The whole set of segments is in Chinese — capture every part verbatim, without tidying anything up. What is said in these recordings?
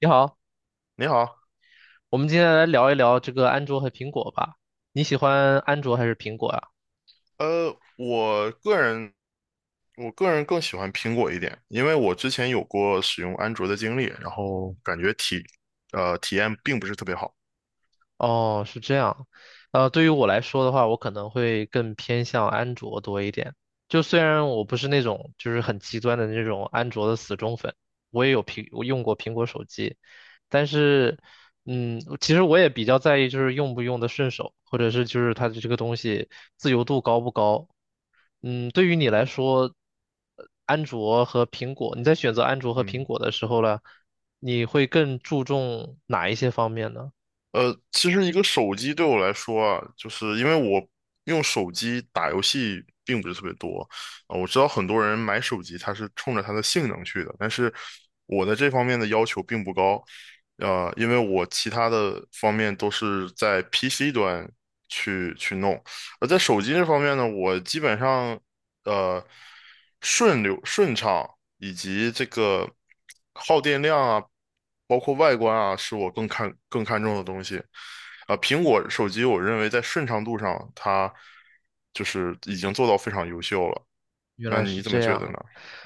你好，你好，我们今天来聊一聊这个安卓和苹果吧。你喜欢安卓还是苹果呀？呃，我个人我个人更喜欢苹果一点，因为我之前有过使用安卓的经历，然后感觉体呃体验并不是特别好。哦，是这样。呃，对于我来说的话，我可能会更偏向安卓多一点。就虽然我不是那种就是很极端的那种安卓的死忠粉，我也有苹，我用过苹果手机，但是，嗯，其实我也比较在意就是用不用得顺手，或者是就是它的这个东西自由度高不高。嗯，对于你来说，呃安卓和苹果，你在选择安卓和苹嗯，果的时候呢，你会更注重哪一些方面呢？呃，其实一个手机对我来说啊，就是因为我用手机打游戏并不是特别多啊，我知道很多人买手机他是冲着它的性能去的，但是我在这方面的要求并不高，呃，因为我其他的方面都是在 P C 端去去弄，而在手机这方面呢，我基本上。呃顺流顺畅以及这个耗电量啊，包括外观啊，是我更看更看重的东西。啊、苹果手机我认为在顺畅度上，它就是已经做到非常优秀了。原那来你是怎么这觉得呢？样，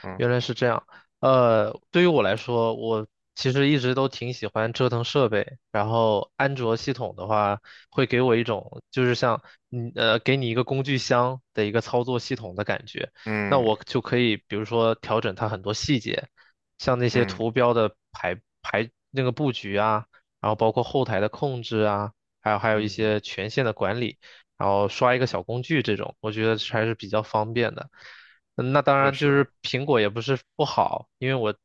嗯原来是这样。呃，对于我来说，我其实一直都挺喜欢折腾设备。然后安卓系统的话，会给我一种就是像你呃，给你一个工具箱的一个操作系统的感觉。那嗯我就可以，比如说调整它很多细节，像那些嗯图标的排排那个布局啊，然后包括后台的控制啊，还有还有一嗯，些权限的管理，然后刷一个小工具这种，我觉得还是比较方便的。嗯那当确然就实，是苹果也不是不好，因为我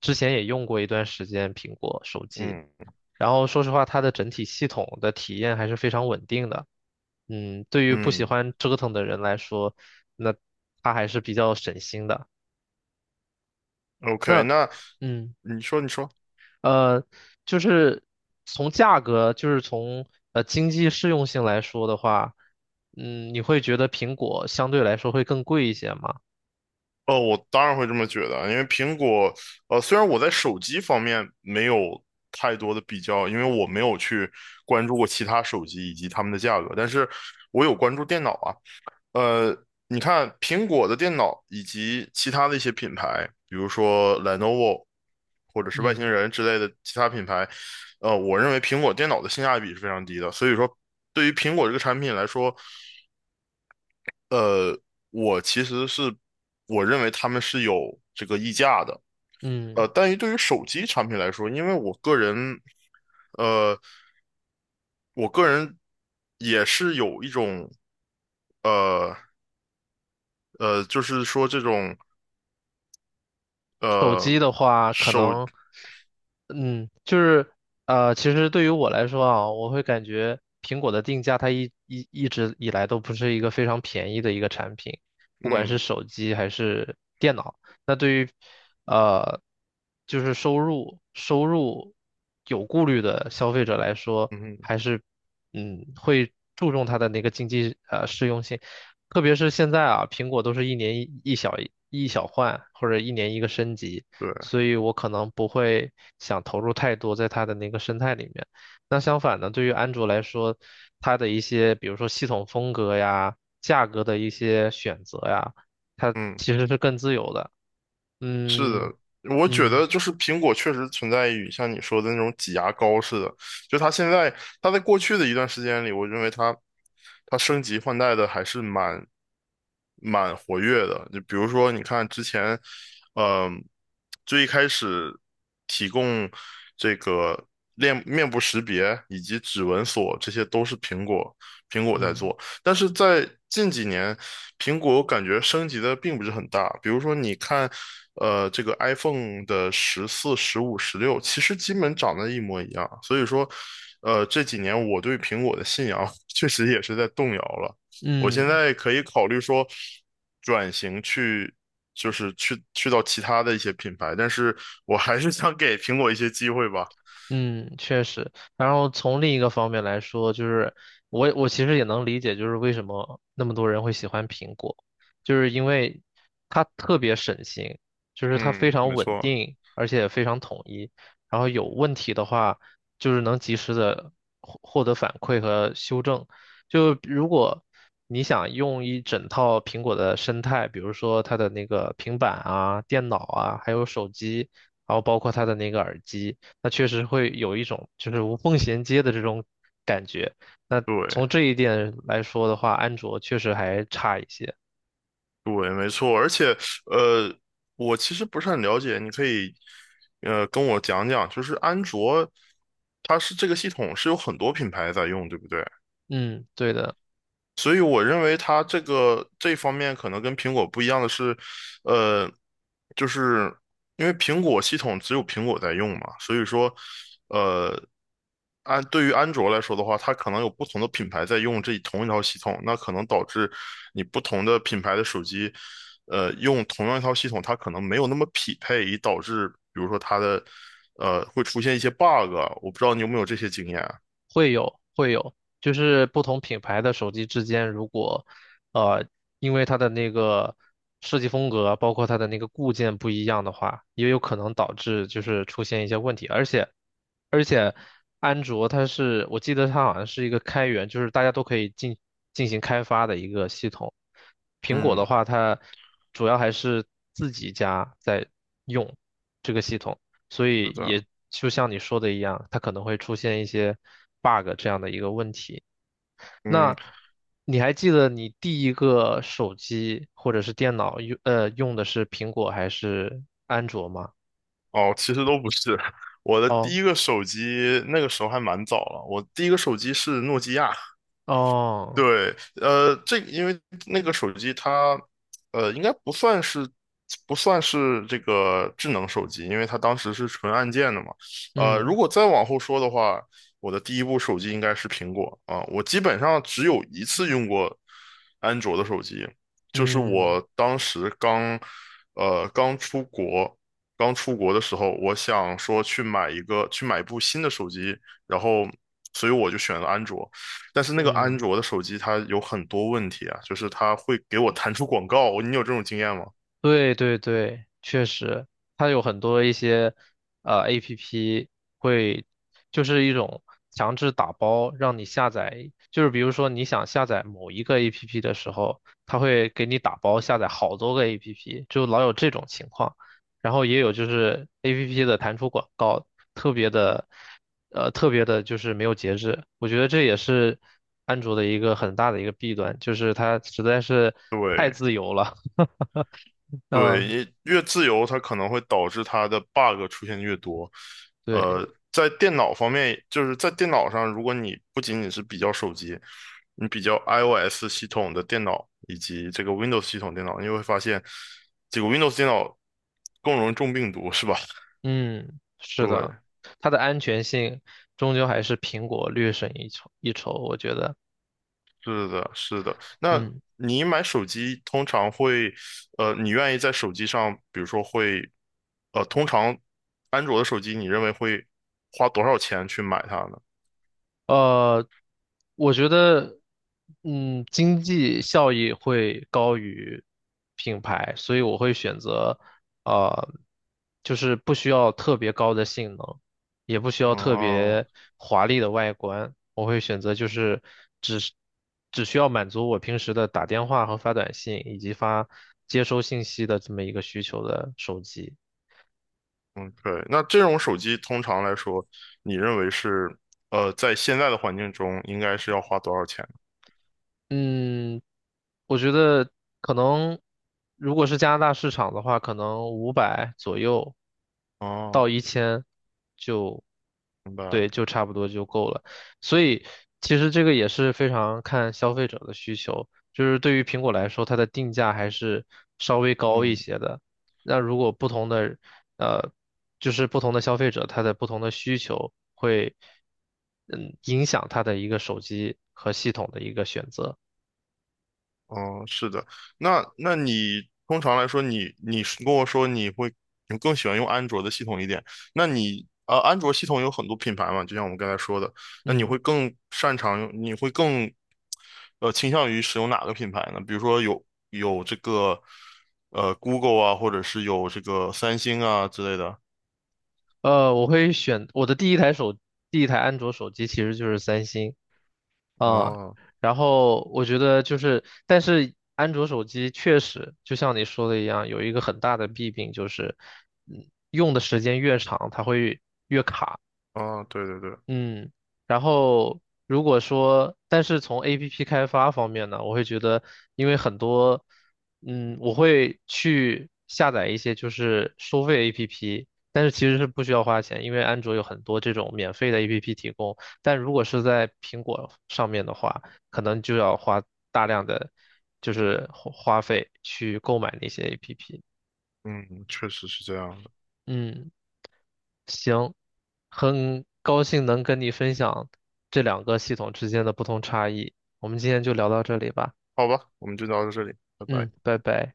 之前也用过一段时间苹果手机，嗯然后说实话，它的整体系统的体验还是非常稳定的。嗯，对于不喜嗯欢折腾的人来说，那它还是比较省心的。，OK，那那嗯你说你说。呃，就是从价格，就是从呃经济适用性来说的话，嗯，你会觉得苹果相对来说会更贵一些吗？呃，我当然会这么觉得啊，因为苹果，呃，虽然我在手机方面没有太多的比较，因为我没有去关注过其他手机以及它们的价格，但是我有关注电脑啊。呃，你看苹果的电脑以及其他的一些品牌，比如说 Lenovo 或者是外嗯星人之类的其他品牌，呃，我认为苹果电脑的性价比是非常低的，所以说对于苹果这个产品来说，呃，我其实是我认为他们是有这个溢价的，嗯。呃，但于对于手机产品来说，因为我个人，呃，我个人也是有一种，呃呃，就是说这种手呃机的话，可手，能，嗯，就是呃，其实对于我来说啊，我会感觉苹果的定价它一一一直以来都不是一个非常便宜的一个产品，不管是嗯手机还是电脑。那对于呃，就是收入收入有顾虑的消费者来说，嗯，还是嗯会注重它的那个经济呃适用性。特别是现在啊，苹果都是一年一一小一小换，或者一年一个升级，对，所以我可能不会想投入太多在它的那个生态里面。那相反呢，对于安卓来说，它的一些比如说系统风格呀、价格的一些选择呀，它嗯。其实是更自由的。是嗯的，我觉嗯得就是苹果确实存在于像你说的那种挤牙膏似的，就它现在，它在过去的一段时间里，我认为它它升级换代的还是蛮蛮活跃的。就比如说，你看之前，嗯、最一开始提供这个面面部识别以及指纹锁，这些都是苹果苹果在嗯做。但是在近几年，苹果感觉升级的并不是很大。比如说，你看，呃，这个 iPhone 的十四、十五、十六，其实基本长得一模一样。所以说，呃，这几年我对苹果的信仰 确实也是在动摇了。我现嗯在可以考虑说转型去，就是去去到其他的一些品牌，但是我还是想给苹果一些机会吧。嗯，确实。然后从另一个方面来说，就是我我其实也能理解，就是为什么那么多人会喜欢苹果，就是因为它特别省心，就是它非嗯，常没稳错，定，而且非常统一。然后有问题的话，就是能及时的获获得反馈和修正。就如果你想用一整套苹果的生态，比如说它的那个平板啊、电脑啊，还有手机，然后包括它的那个耳机。那确实会有一种就是无缝衔接的这种感觉。那对。从这一点来说的话，安卓确实还差一些。对，没错，而且呃，我其实不是很了解，你可以呃跟我讲讲，就是安卓，它是这个系统是有很多品牌在用，对不对？嗯，对的，所以我认为它这个这方面可能跟苹果不一样的是，呃，就是因为苹果系统只有苹果在用嘛，所以说，呃，安对于安卓来说的话，它可能有不同的品牌在用这同一套系统，那可能导致你不同的品牌的手机，呃，用同样一套系统，它可能没有那么匹配，以导致比如说它的，呃，会出现一些 bug，啊我不知道你有没有这些经验啊。会有会有，就是不同品牌的手机之间，如果呃因为它的那个设计风格，包括它的那个固件不一样的话，也有可能导致就是出现一些问题。而且而且安卓它是，我记得它好像是一个开源，就是大家都可以进进行开发的一个系统。苹果的嗯，话，它主要还是自己家在用这个系统，所以是的，也就像你说的一样，它可能会出现一些 bug 这样的一个问题。嗯。那你还记得你第一个手机或者是电脑用呃用的是苹果还是安卓吗？哦，其实都不是。我的第哦一个手机那个时候还蛮早了，我第一个手机是诺基亚，哦，对，呃，这个因为那个手机它，呃，应该不算是不算是这个智能手机，因为它当时是纯按键的嘛。呃，嗯如果再往后说的话，我的第一部手机应该是苹果啊，我基本上只有一次用过安卓的手机，就是嗯。我当时刚，呃，刚出国，刚出国的时候，我想说去买一个去买一部新的手机，然后，所以我就选了安卓。但是那个安嗯，卓的手机它有很多问题啊，就是它会给我弹出广告，你有这种经验吗？对对对，确实，它有很多一些呃 A P P 会，就是一种强制打包，让你下载，就是比如说你想下载某一个 A P P 的时候，它会给你打包下载好多个 A P P，就老有这种情况。然后也有就是 A P P 的弹出广告，特别的，呃，特别的就是没有节制。我觉得这也是安卓的一个很大的一个弊端，就是它实在是对太自由了。对，嗯，也越自由，它可能会导致它的 bug 出现越多。对，呃，在电脑方面，就是在电脑上，如果你不仅仅是比较手机，你比较 i O S 系统的电脑以及这个 Windows 系统电脑，你会发现这个 Windows 电脑更容易中病毒，是吧？嗯，对，是的，它的安全性终究还是苹果略胜一筹一筹，我觉得，是的，是的。那嗯。你买手机通常会，呃，你愿意在手机上，比如说会，呃，通常安卓的手机，你认为会花多少钱去买它呢？呃，我觉得，嗯，经济效益会高于品牌，所以我会选择，呃，就是不需要特别高的性能，也不需要特哦别华丽的外观，我会选择就是只是只需要满足我平时的打电话和发短信以及发接收信息的这么一个需求的手机。嗯，对。那这种手机通常来说，你认为是，呃，在现在的环境中应该是要花多少钱呢？嗯，我觉得可能如果是加拿大市场的话，可能五百左右哦，到一千就，明白。对，就差不多就够了。所以其实这个也是非常看消费者的需求，就是对于苹果来说，它的定价还是稍微高一嗯。些的。那如果不同的呃，就是不同的消费者，他的不同的需求会嗯影响他的一个手机和系统的一个选择。哦，是的，那那你通常来说你，你是跟我说你会你更喜欢用安卓的系统一点，那你呃，安卓系统有很多品牌嘛，就像我们刚才说的，那你嗯，会更擅长用，你会更呃倾向于使用哪个品牌呢？比如说有有这个呃 Google 啊，或者是有这个三星啊之类的。呃，我会选我的第一台手，第一台安卓手机其实就是三星啊，哦然后我觉得就是，但是安卓手机确实就像你说的一样，有一个很大的弊病就是，嗯，用的时间越长，它会哦，对对对，嗯，然后如果说，但是从 A P P 开发方面呢，我会觉得，因为很多，嗯，我会去下载一些就是收费 A P P，但是其实是不需要花钱，因为安卓有很多这种免费的 A P P 提供，但如果是在苹果上面的话，可能就要花大量的就是花花费去购买那些 A P P。嗯，确实是这样的。嗯行，很高兴能跟你分享这两个系统之间的不同差异。我们今天就聊到这里吧。好吧，我们就聊到这里，拜拜。嗯，拜拜。